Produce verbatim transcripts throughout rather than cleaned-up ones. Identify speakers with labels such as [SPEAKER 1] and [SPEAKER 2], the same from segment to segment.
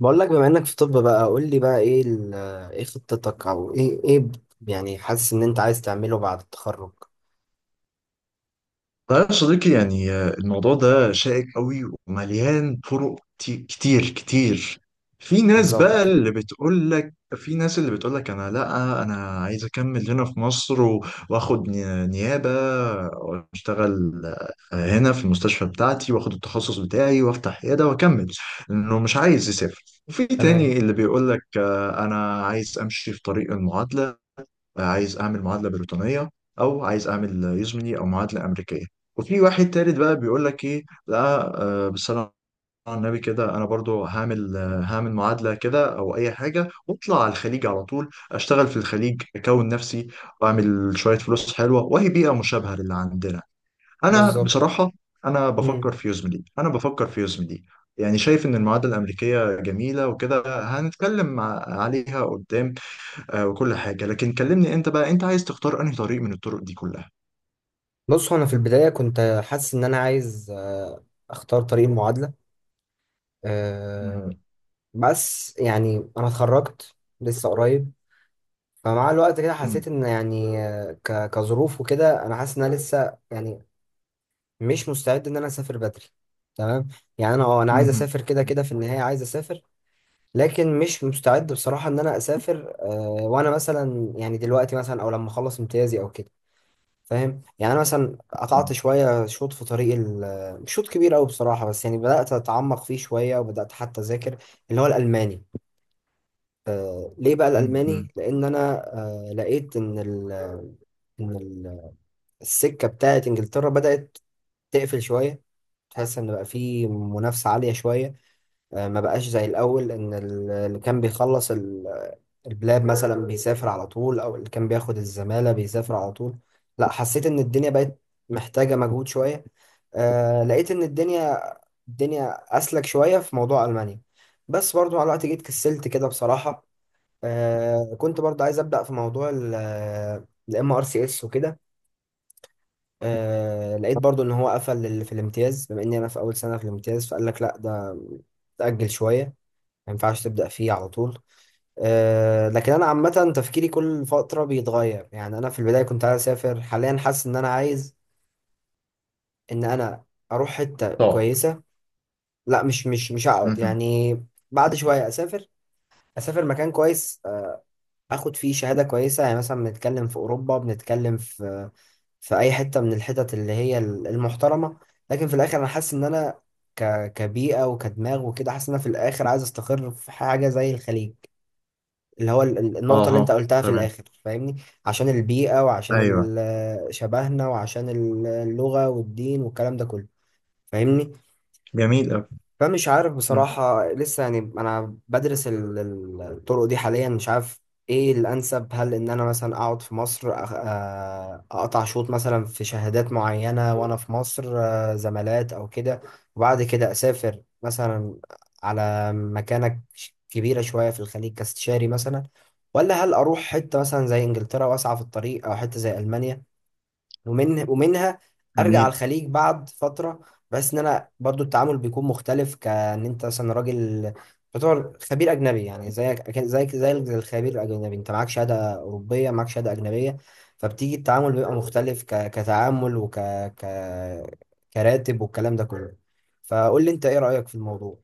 [SPEAKER 1] بقول لك بما انك في طب بقى قول لي بقى ايه ال- ايه خطتك او ايه ايه ب- يعني حاسس ان انت عايز تعمله بعد التخرج.
[SPEAKER 2] طيب يا صديقي يعني آه، الموضوع ده شائك قوي ومليان طرق كتي- كتير كتير. في ناس
[SPEAKER 1] بالظبط.
[SPEAKER 2] بقى اللي بتقول لك في ناس اللي بتقول لك انا لا انا عايز اكمل هنا في مصر و- واخد ني- نيابة واشتغل آه، هنا في المستشفى بتاعتي واخد التخصص بتاعي وافتح عيادة واكمل انه مش عايز يسافر. وفي
[SPEAKER 1] تمام.
[SPEAKER 2] تاني اللي بيقول لك آه، انا عايز امشي في طريق المعادلة، عايز اعمل معادله بريطانيه او عايز اعمل يزمني او معادله امريكيه. وفي واحد تالت بقى بيقول لك ايه لا آه، بالصلاه على النبي كده انا برضو هعمل آه، هعمل معادله كده او اي حاجه واطلع على الخليج على طول، اشتغل في الخليج اكون نفسي واعمل شويه فلوس حلوه وهي بيئه مشابهه للي عندنا. انا
[SPEAKER 1] بالظبط.
[SPEAKER 2] بصراحه انا بفكر
[SPEAKER 1] امم
[SPEAKER 2] في يزمني، انا بفكر في يزمني. يعني شايف ان المعادله الامريكيه جميله وكده، هنتكلم مع- عليها قدام آه، وكل حاجة. لكن كلمني انت بقى، انت عايز تختار انهي طريق من الطرق دي كلها؟
[SPEAKER 1] بص، هو انا في البدايه كنت حاسس ان انا عايز، آه، اختار طريق المعادله. أه.
[SPEAKER 2] مهم.
[SPEAKER 1] بس يعني انا اتخرجت لسه قريب، فمع الوقت كده
[SPEAKER 2] مم.
[SPEAKER 1] حسيت ان يعني آه، ك- كظروف وكده انا حاسس ان انا لسه يعني مش مستعد ان انا اسافر بدري. تمام. يعني انا اه انا عايز
[SPEAKER 2] مهم.
[SPEAKER 1] اسافر، كده كده في النهايه عايز اسافر، لكن مش مستعد بصراحة ان انا اسافر، آه، وانا مثلا يعني دلوقتي مثلا او لما اخلص امتيازي او كده. فاهم؟ يعني انا مثلا قطعت
[SPEAKER 2] مم.
[SPEAKER 1] شوية شوط في طريق ال- مش شوط كبير قوي بصراحة، بس يعني بدأت اتعمق فيه شوية وبدأت حتى اذاكر اللي هو الالماني. آه، ليه بقى
[SPEAKER 2] مهم.
[SPEAKER 1] الالماني؟ لان انا آه، لقيت ان ال- ان ال- السكة بتاعت انجلترا بدأت تقفل شوية، تحس ان بقى في منافسة عالية شوية. آه، ما بقاش زي الاول ان ال- اللي كان بيخلص البلاد مثلا بيسافر على طول، او اللي كان بياخد الزمالة بيسافر على طول. لا حسيت ان الدنيا بقت محتاجة مجهود شوية. آه لقيت ان الدنيا الدنيا اسلك شوية في موضوع المانيا. بس برضو مع الوقت جيت كسلت كده بصراحة. آه كنت برضو عايز ابدأ في موضوع الام ار سي اس وكده. آه لقيت برضو ان هو قفل لل- في الامتياز، بما اني انا في اول سنة في الامتياز، فقال لك لا ده تأجل شوية، ما ينفعش تبدأ فيه على طول. آه، لكن انا عامه تفكيري كل فتره بيتغير، يعني انا في البدايه كنت عايز اسافر، حاليا حاسس ان انا عايز ان انا اروح حته
[SPEAKER 2] طب
[SPEAKER 1] كويسه. لا مش مش مش هقعد
[SPEAKER 2] مهم.
[SPEAKER 1] يعني، بعد شويه اسافر، اسافر مكان كويس، آه، اخد فيه شهاده كويسه، يعني مثلا بنتكلم في اوروبا، بنتكلم في في اي حته من الحتت اللي هي ال- المحترمه. لكن في الاخر انا حاسس ان انا ك كبيئه وكدماغ وكده، حاسس ان انا في الاخر عايز استقر في حاجه زي الخليج، اللي هو ال- ال- النقطة اللي انت
[SPEAKER 2] اها،
[SPEAKER 1] قلتها في
[SPEAKER 2] تمام،
[SPEAKER 1] الآخر. فاهمني؟ عشان البيئة، وعشان
[SPEAKER 2] ايوه،
[SPEAKER 1] ال- شبهنا، وعشان ال- اللغة والدين والكلام ده كله. فاهمني؟
[SPEAKER 2] جميل أوي.
[SPEAKER 1] فمش عارف
[SPEAKER 2] مم.
[SPEAKER 1] بصراحة لسه يعني، أنا بدرس ال- ال- الطرق دي حاليا، مش عارف إيه الأنسب، هل إن أنا مثلا أقعد في مصر أخ- آه، أقطع شوط مثلا في شهادات معينة وأنا في مصر، آه، زمالات أو كده، وبعد كده أسافر مثلا على مكانة ش- كبيرة شوية في الخليج كاستشاري مثلا، ولا هل أروح حتة مثلا زي إنجلترا وأسعى في الطريق، أو حتة زي ألمانيا ومن ومنها ارجع
[SPEAKER 2] جميل.
[SPEAKER 1] على الخليج بعد فتره. بس ان انا برضو التعامل بيكون مختلف، كان انت مثلا راجل تعتبر خبير اجنبي، يعني زيك أكن- زيك زيك زي الخبير الاجنبي، انت معاك شهاده اوروبيه، معاك شهاده اجنبيه، فبتيجي التعامل بيبقى مختلف ك... كتعامل وك ك... كراتب والكلام ده كله. فقول لي انت ايه رايك في الموضوع.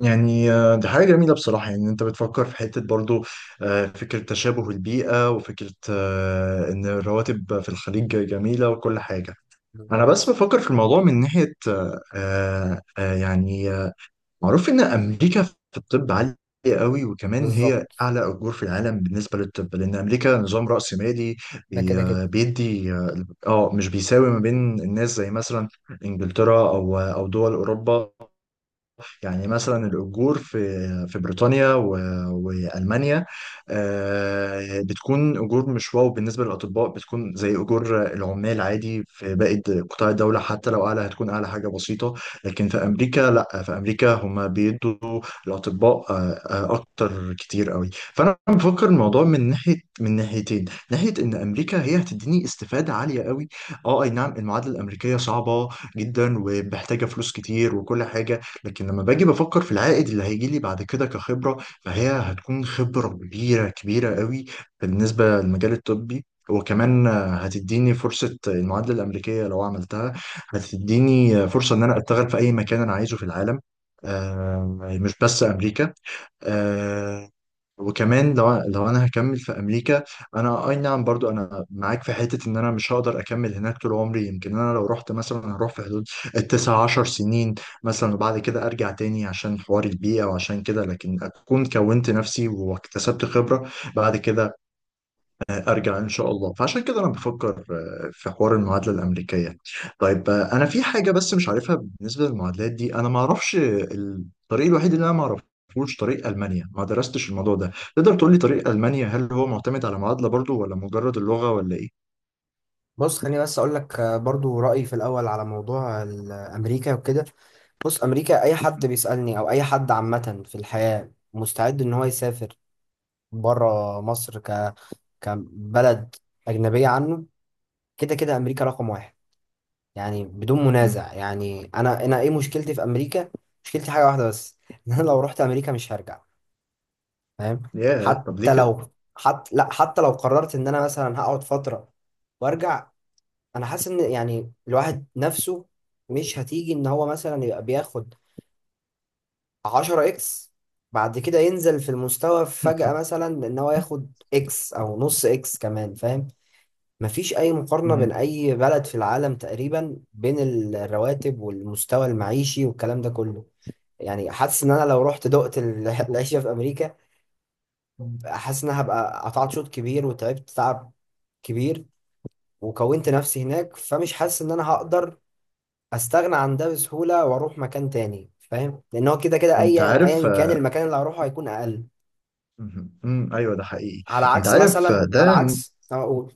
[SPEAKER 2] يعني آه، دي حاجة جميلة بصراحة، يعني انت بتفكر في حتة برضو آه، فكرة تشابه البيئة وفكرة آه، ان الرواتب في الخليج جميلة وكل حاجة. انا بس
[SPEAKER 1] بالظبط.
[SPEAKER 2] بفكر في الموضوع من ناحية آه، آه، يعني معروف إن أمريكا في الطب عالية قوي، وكمان هي
[SPEAKER 1] بالظبط.
[SPEAKER 2] أعلى أجور في العالم بالنسبة للطب لأن أمريكا نظام رأسمالي.
[SPEAKER 1] ده كده كده.
[SPEAKER 2] بي- بيدي آه مش بيساوي ما بين الناس زي مثلا إنجلترا أو أو دول أوروبا. يعني مثلا الأجور في في بريطانيا و- وألمانيا آه، بتكون أجور مش واو بالنسبة للأطباء، بتكون زي أجور العمال عادي في باقي قطاع الدولة، حتى لو أعلى هتكون أعلى حاجة بسيطة. لكن في أمريكا لا، في أمريكا هم بيدوا الأطباء آه، آه، أكتر كتير قوي. فأنا بفكر الموضوع من ناحية، من ناحيتين: ناحية إن أمريكا هي هتديني استفادة عالية قوي. اه اي نعم، المعادله الامريكيه صعبه جدا ومحتاجه فلوس كتير وكل حاجه، لكن لما باجي بفكر في العائد اللي هيجي لي بعد كده كخبرة، فهي هتكون خبرة كبيرة كبيرة قوي بالنسبة للمجال الطبي. وكمان هتديني فرصة المعادلة الأمريكية لو عملتها، هتديني فرصة إن أنا أشتغل في أي مكان أنا عايزه في العالم آه، مش بس أمريكا. آه، وكمان لو لو انا هكمل في امريكا، انا اي نعم برضو انا معاك في حته ان انا مش هقدر اكمل هناك طول عمري. يمكن انا لو رحت مثلا هروح في حدود التسع عشر سنين مثلا، وبعد كده ارجع تاني عشان حوار البيئه وعشان كده، لكن اكون كونت نفسي واكتسبت خبره بعد كده، ارجع ان شاء الله. فعشان كده انا بفكر آه، في حوار المعادله الامريكيه. طيب آه، انا في حاجه بس مش عارفها بالنسبه للمعادلات دي، انا ما اعرفش الطريق الوحيد اللي انا ما اعرفوش طريق المانيا، ما درستش الموضوع ده. تقدر تقول لي طريق المانيا هل هو معتمد على معادله برضو ولا مجرد اللغه ولا ايه؟
[SPEAKER 1] بص، خليني بس اقول لك، آه، برضو رايي في الاول على موضوع ال- امريكا وكده. بص، امريكا اي حد بيسالني او اي حد عامه في الحياه مستعد ان هو يسافر بره مصر ك كبلد اجنبيه عنه، كده كده امريكا رقم واحد، يعني بدون
[SPEAKER 2] مم.
[SPEAKER 1] منازع. يعني انا انا ايه مشكلتي في امريكا؟ مشكلتي حاجه واحده بس ان انا لو رحت امريكا مش هرجع. فاهم؟
[SPEAKER 2] ياه، طب ليه
[SPEAKER 1] حتى
[SPEAKER 2] كده؟
[SPEAKER 1] لو حتى لا حتى لو قررت ان انا مثلا هقعد فتره وارجع، انا حاسس ان يعني الواحد نفسه مش هتيجي ان هو مثلا يبقى بياخد عشرة اكس، بعد كده ينزل في المستوى فجأة مثلا ان هو ياخد اكس او نص اكس كمان. فاهم؟ مفيش اي مقارنة بين
[SPEAKER 2] مم.
[SPEAKER 1] اي بلد في العالم تقريبا، بين ال- الرواتب والمستوى المعيشي والكلام ده كله. يعني حاسس ان انا لو رحت دقت ال- العيشة في امريكا، حاسس ان أنا هبقى قطعت شوط كبير، وتعبت تعب كبير، وكونت نفسي هناك، فمش حاسس ان انا هقدر استغنى عن ده بسهوله واروح مكان تاني. فاهم؟ لان هو كده كده اي
[SPEAKER 2] انت عارف.
[SPEAKER 1] ايا كان المكان اللي هروحه هيكون اقل.
[SPEAKER 2] مم. مم. ايوه، ده حقيقي.
[SPEAKER 1] على
[SPEAKER 2] انت
[SPEAKER 1] عكس
[SPEAKER 2] عارف آه،
[SPEAKER 1] مثلا، على
[SPEAKER 2] ده
[SPEAKER 1] عكس أه اقول.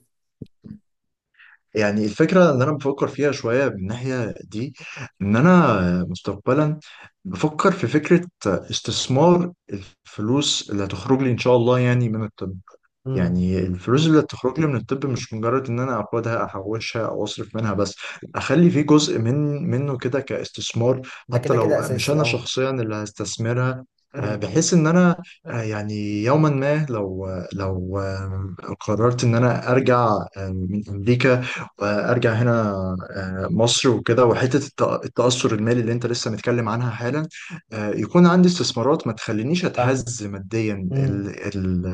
[SPEAKER 2] يعني الفكرة اللي أنا بفكر فيها شوية من الناحية دي، إن أنا مستقبلا بفكر في فكرة استثمار الفلوس اللي هتخرج لي إن شاء الله يعني من الطب.
[SPEAKER 1] امم
[SPEAKER 2] يعني الفلوس اللي تخرج لي من الطب مش مجرد ان انا اخدها احوشها او اصرف منها بس، اخلي فيه جزء من منه كده كاستثمار،
[SPEAKER 1] ده
[SPEAKER 2] حتى
[SPEAKER 1] كده
[SPEAKER 2] لو
[SPEAKER 1] كده
[SPEAKER 2] مش
[SPEAKER 1] اساسي
[SPEAKER 2] انا
[SPEAKER 1] اه.
[SPEAKER 2] شخصيا اللي هستثمرها آه،
[SPEAKER 1] امم
[SPEAKER 2] بحيث ان انا آه، يعني يوما ما لو لو آه، قررت ان انا ارجع آه، من امريكا وارجع هنا آه، مصر وكده، وحته الت- التاثر المالي اللي انت لسه متكلم عنها حالا آه، يكون عندي استثمارات ما تخلينيش
[SPEAKER 1] فاهم.
[SPEAKER 2] اتهز ماديا
[SPEAKER 1] امم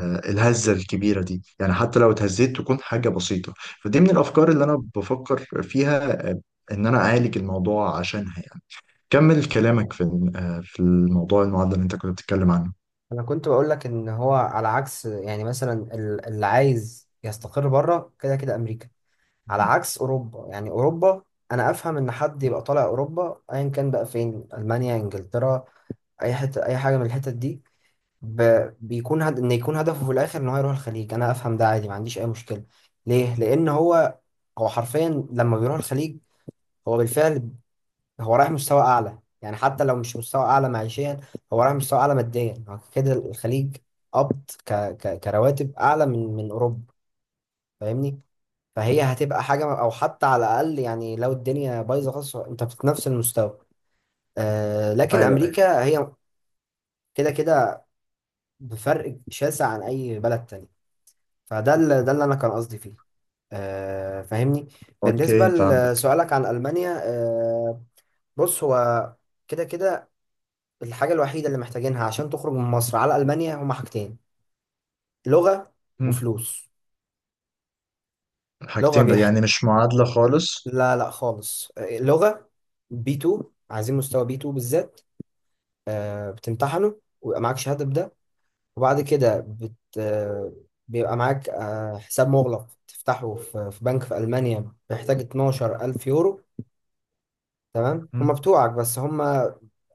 [SPEAKER 2] الهزة الكبيرة دي. يعني حتى لو اتهزيت تكون حاجة بسيطة. فدي من الأفكار اللي أنا بفكر فيها آه، إن أنا أعالج الموضوع عشانها يعني. كمل كلامك في الم- آه، في الموضوع المعدل اللي أنت كنت بتتكلم عنه.
[SPEAKER 1] انا كنت بقول لك ان هو على عكس، يعني مثلا ال- اللي عايز يستقر بره كده كده امريكا. على
[SPEAKER 2] مم.
[SPEAKER 1] عكس اوروبا، يعني اوروبا، انا افهم ان حد يبقى طالع اوروبا ايا كان بقى فين، المانيا، انجلترا، اي حته، اي حاجه من الحتت دي، ب... بيكون هد... ان يكون هدفه في الاخر ان هو يروح الخليج، انا افهم ده عادي، ما عنديش اي مشكله. ليه؟ لان هو هو حرفيا لما بيروح الخليج هو بالفعل هو رايح مستوى اعلى، يعني حتى لو مش مستوى اعلى معيشيا، هو رايح مستوى اعلى ماديا. هو كده الخليج قبض ك... ك... كرواتب اعلى من من اوروبا. فاهمني؟ فهي هتبقى حاجه، او حتى على الاقل يعني لو الدنيا بايظه خالص انت في نفس المستوى. آه... لكن
[SPEAKER 2] أيوه أيوه.
[SPEAKER 1] امريكا هي كده كده بفرق شاسع عن اي بلد تاني. فده اللي، ده اللي انا كان قصدي فيه، آه. فاهمني؟ بالنسبه
[SPEAKER 2] أوكي فهمتك.
[SPEAKER 1] لسؤالك عن المانيا، آه، بص هو كده كده الحاجه الوحيده اللي محتاجينها عشان تخرج من مصر على المانيا هما حاجتين: لغه
[SPEAKER 2] مم.
[SPEAKER 1] وفلوس. لغه
[SPEAKER 2] حاجتين بقى،
[SPEAKER 1] بيحت.
[SPEAKER 2] يعني مش معادلة خالص؟
[SPEAKER 1] لا لا خالص، آه، لغه بي اتنين، عايزين مستوى بي اتنين بالذات. آه بتمتحنه ويبقى معاك شهاده بده، وبعد كده بت آه بيبقى معاك آه حساب مغلق تفتحه في في بنك في المانيا، بيحتاج اتناشر الف يورو. تمام، هم
[SPEAKER 2] مم.
[SPEAKER 1] بتوعك بس هم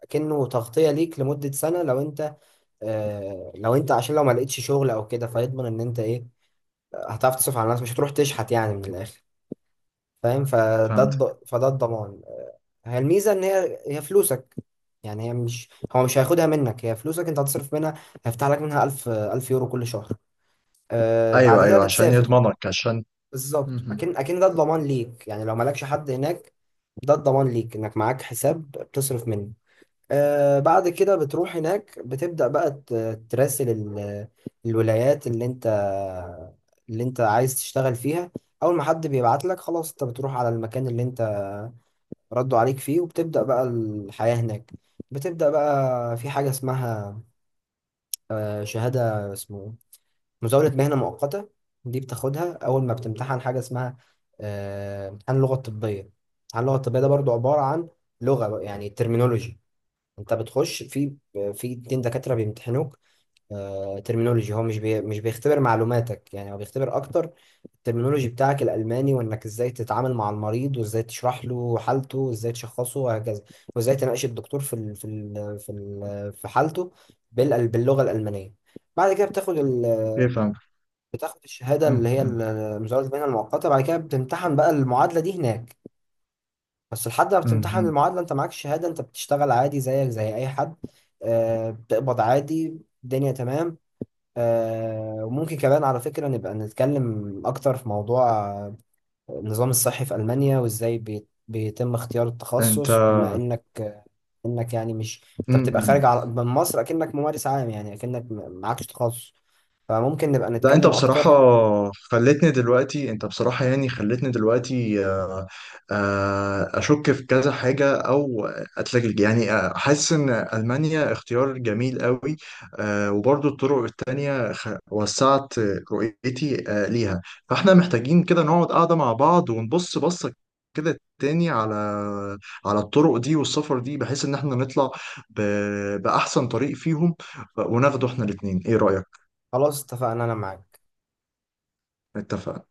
[SPEAKER 1] كأنه تغطية ليك لمدة سنة لو انت، آه لو انت عشان لو ما لقيتش شغل او كده، فيضمن ان انت ايه، هتعرف تصرف على نفسك، مش هتروح تشحت يعني من الاخر. فاهم؟ فده
[SPEAKER 2] فهمت.
[SPEAKER 1] الض... فده الضمان. هي الميزة ان هي هي فلوسك، يعني هي مش، هو مش هياخدها منك، هي فلوسك انت هتصرف منها. هيفتح لك منها الف الف يورو كل شهر. آه بعد
[SPEAKER 2] أيوه
[SPEAKER 1] كده
[SPEAKER 2] أيوه، عشان
[SPEAKER 1] بتسافر.
[SPEAKER 2] يضمنك عشان.
[SPEAKER 1] بالظبط.
[SPEAKER 2] مم.
[SPEAKER 1] اكن اكن ده الضمان ليك، يعني لو مالكش حد هناك ده الضمان ليك انك معاك حساب بتصرف منه. آه بعد كده بتروح هناك، بتبدأ بقى ت- تراسل ال- الولايات اللي انت اللي انت عايز تشتغل فيها. اول ما حد بيبعت لك خلاص، انت بتروح على المكان اللي انت ردوا عليك فيه، وبتبدأ بقى الحياة هناك. بتبدأ بقى في حاجة اسمها، آه، شهادة اسمه مزاولة مهنة مؤقتة، دي بتاخدها اول ما بتمتحن حاجة اسمها، آه، امتحان اللغة الطبية. امتحان اللغة الطبية ده برضو عبارة عن لغة يعني terminology. انت بتخش في في اتنين دكاترة بيمتحنوك، آه، ترمينولوجي، هو مش بي مش بيختبر معلوماتك، يعني هو بيختبر اكتر الترمينولوجي بتاعك الالماني، وانك ازاي تتعامل مع المريض، وازاي تشرح له حالته، وازاي تشخصه، وهكذا، وازاي تناقش الدكتور في ال في ال في ال في حالته بال- باللغة الالمانية. بعد كده بتاخد ال
[SPEAKER 2] أوكي فهمت.
[SPEAKER 1] بتاخد الشهادة اللي
[SPEAKER 2] مم.
[SPEAKER 1] هي
[SPEAKER 2] مم.
[SPEAKER 1] ال- مزاولة المهنة المؤقتة. بعد كده بتمتحن بقى المعادلة دي هناك. بس لحد ما بتمتحن
[SPEAKER 2] مم.
[SPEAKER 1] المعادلة انت معاك شهادة، انت بتشتغل عادي زيك زي اي حد. آه بتقبض عادي، الدنيا تمام. آه وممكن كمان على فكرة نبقى نتكلم اكتر في موضوع، آه، النظام الصحي في ألمانيا، وازاي بي- بيتم اختيار
[SPEAKER 2] أنت.
[SPEAKER 1] التخصص، بما انك، آه، انك يعني مش، انت بتبقى
[SPEAKER 2] مم.
[SPEAKER 1] خارج على- من مصر اكنك ممارس عام، يعني اكنك م- معكش تخصص. فممكن نبقى
[SPEAKER 2] لا انت
[SPEAKER 1] نتكلم
[SPEAKER 2] بصراحة
[SPEAKER 1] اكتر.
[SPEAKER 2] خلتني دلوقتي، انت بصراحة يعني خلتني دلوقتي آه، آه، اشك في كذا حاجة او اتلجلج يعني. آه، حاسس ان المانيا اختيار جميل قوي آه، وبرضو الطرق التانية خ- وسعت رؤيتي آه، ليها. فاحنا محتاجين كده نقعد قاعدة مع بعض ونبص بصة كده تاني على على الطرق دي والسفر دي، بحيث ان احنا نطلع ب- بأحسن طريق فيهم وناخده احنا الاتنين. ايه رأيك؟
[SPEAKER 1] خلاص اتفقنا، انا معاك.
[SPEAKER 2] اتفقنا.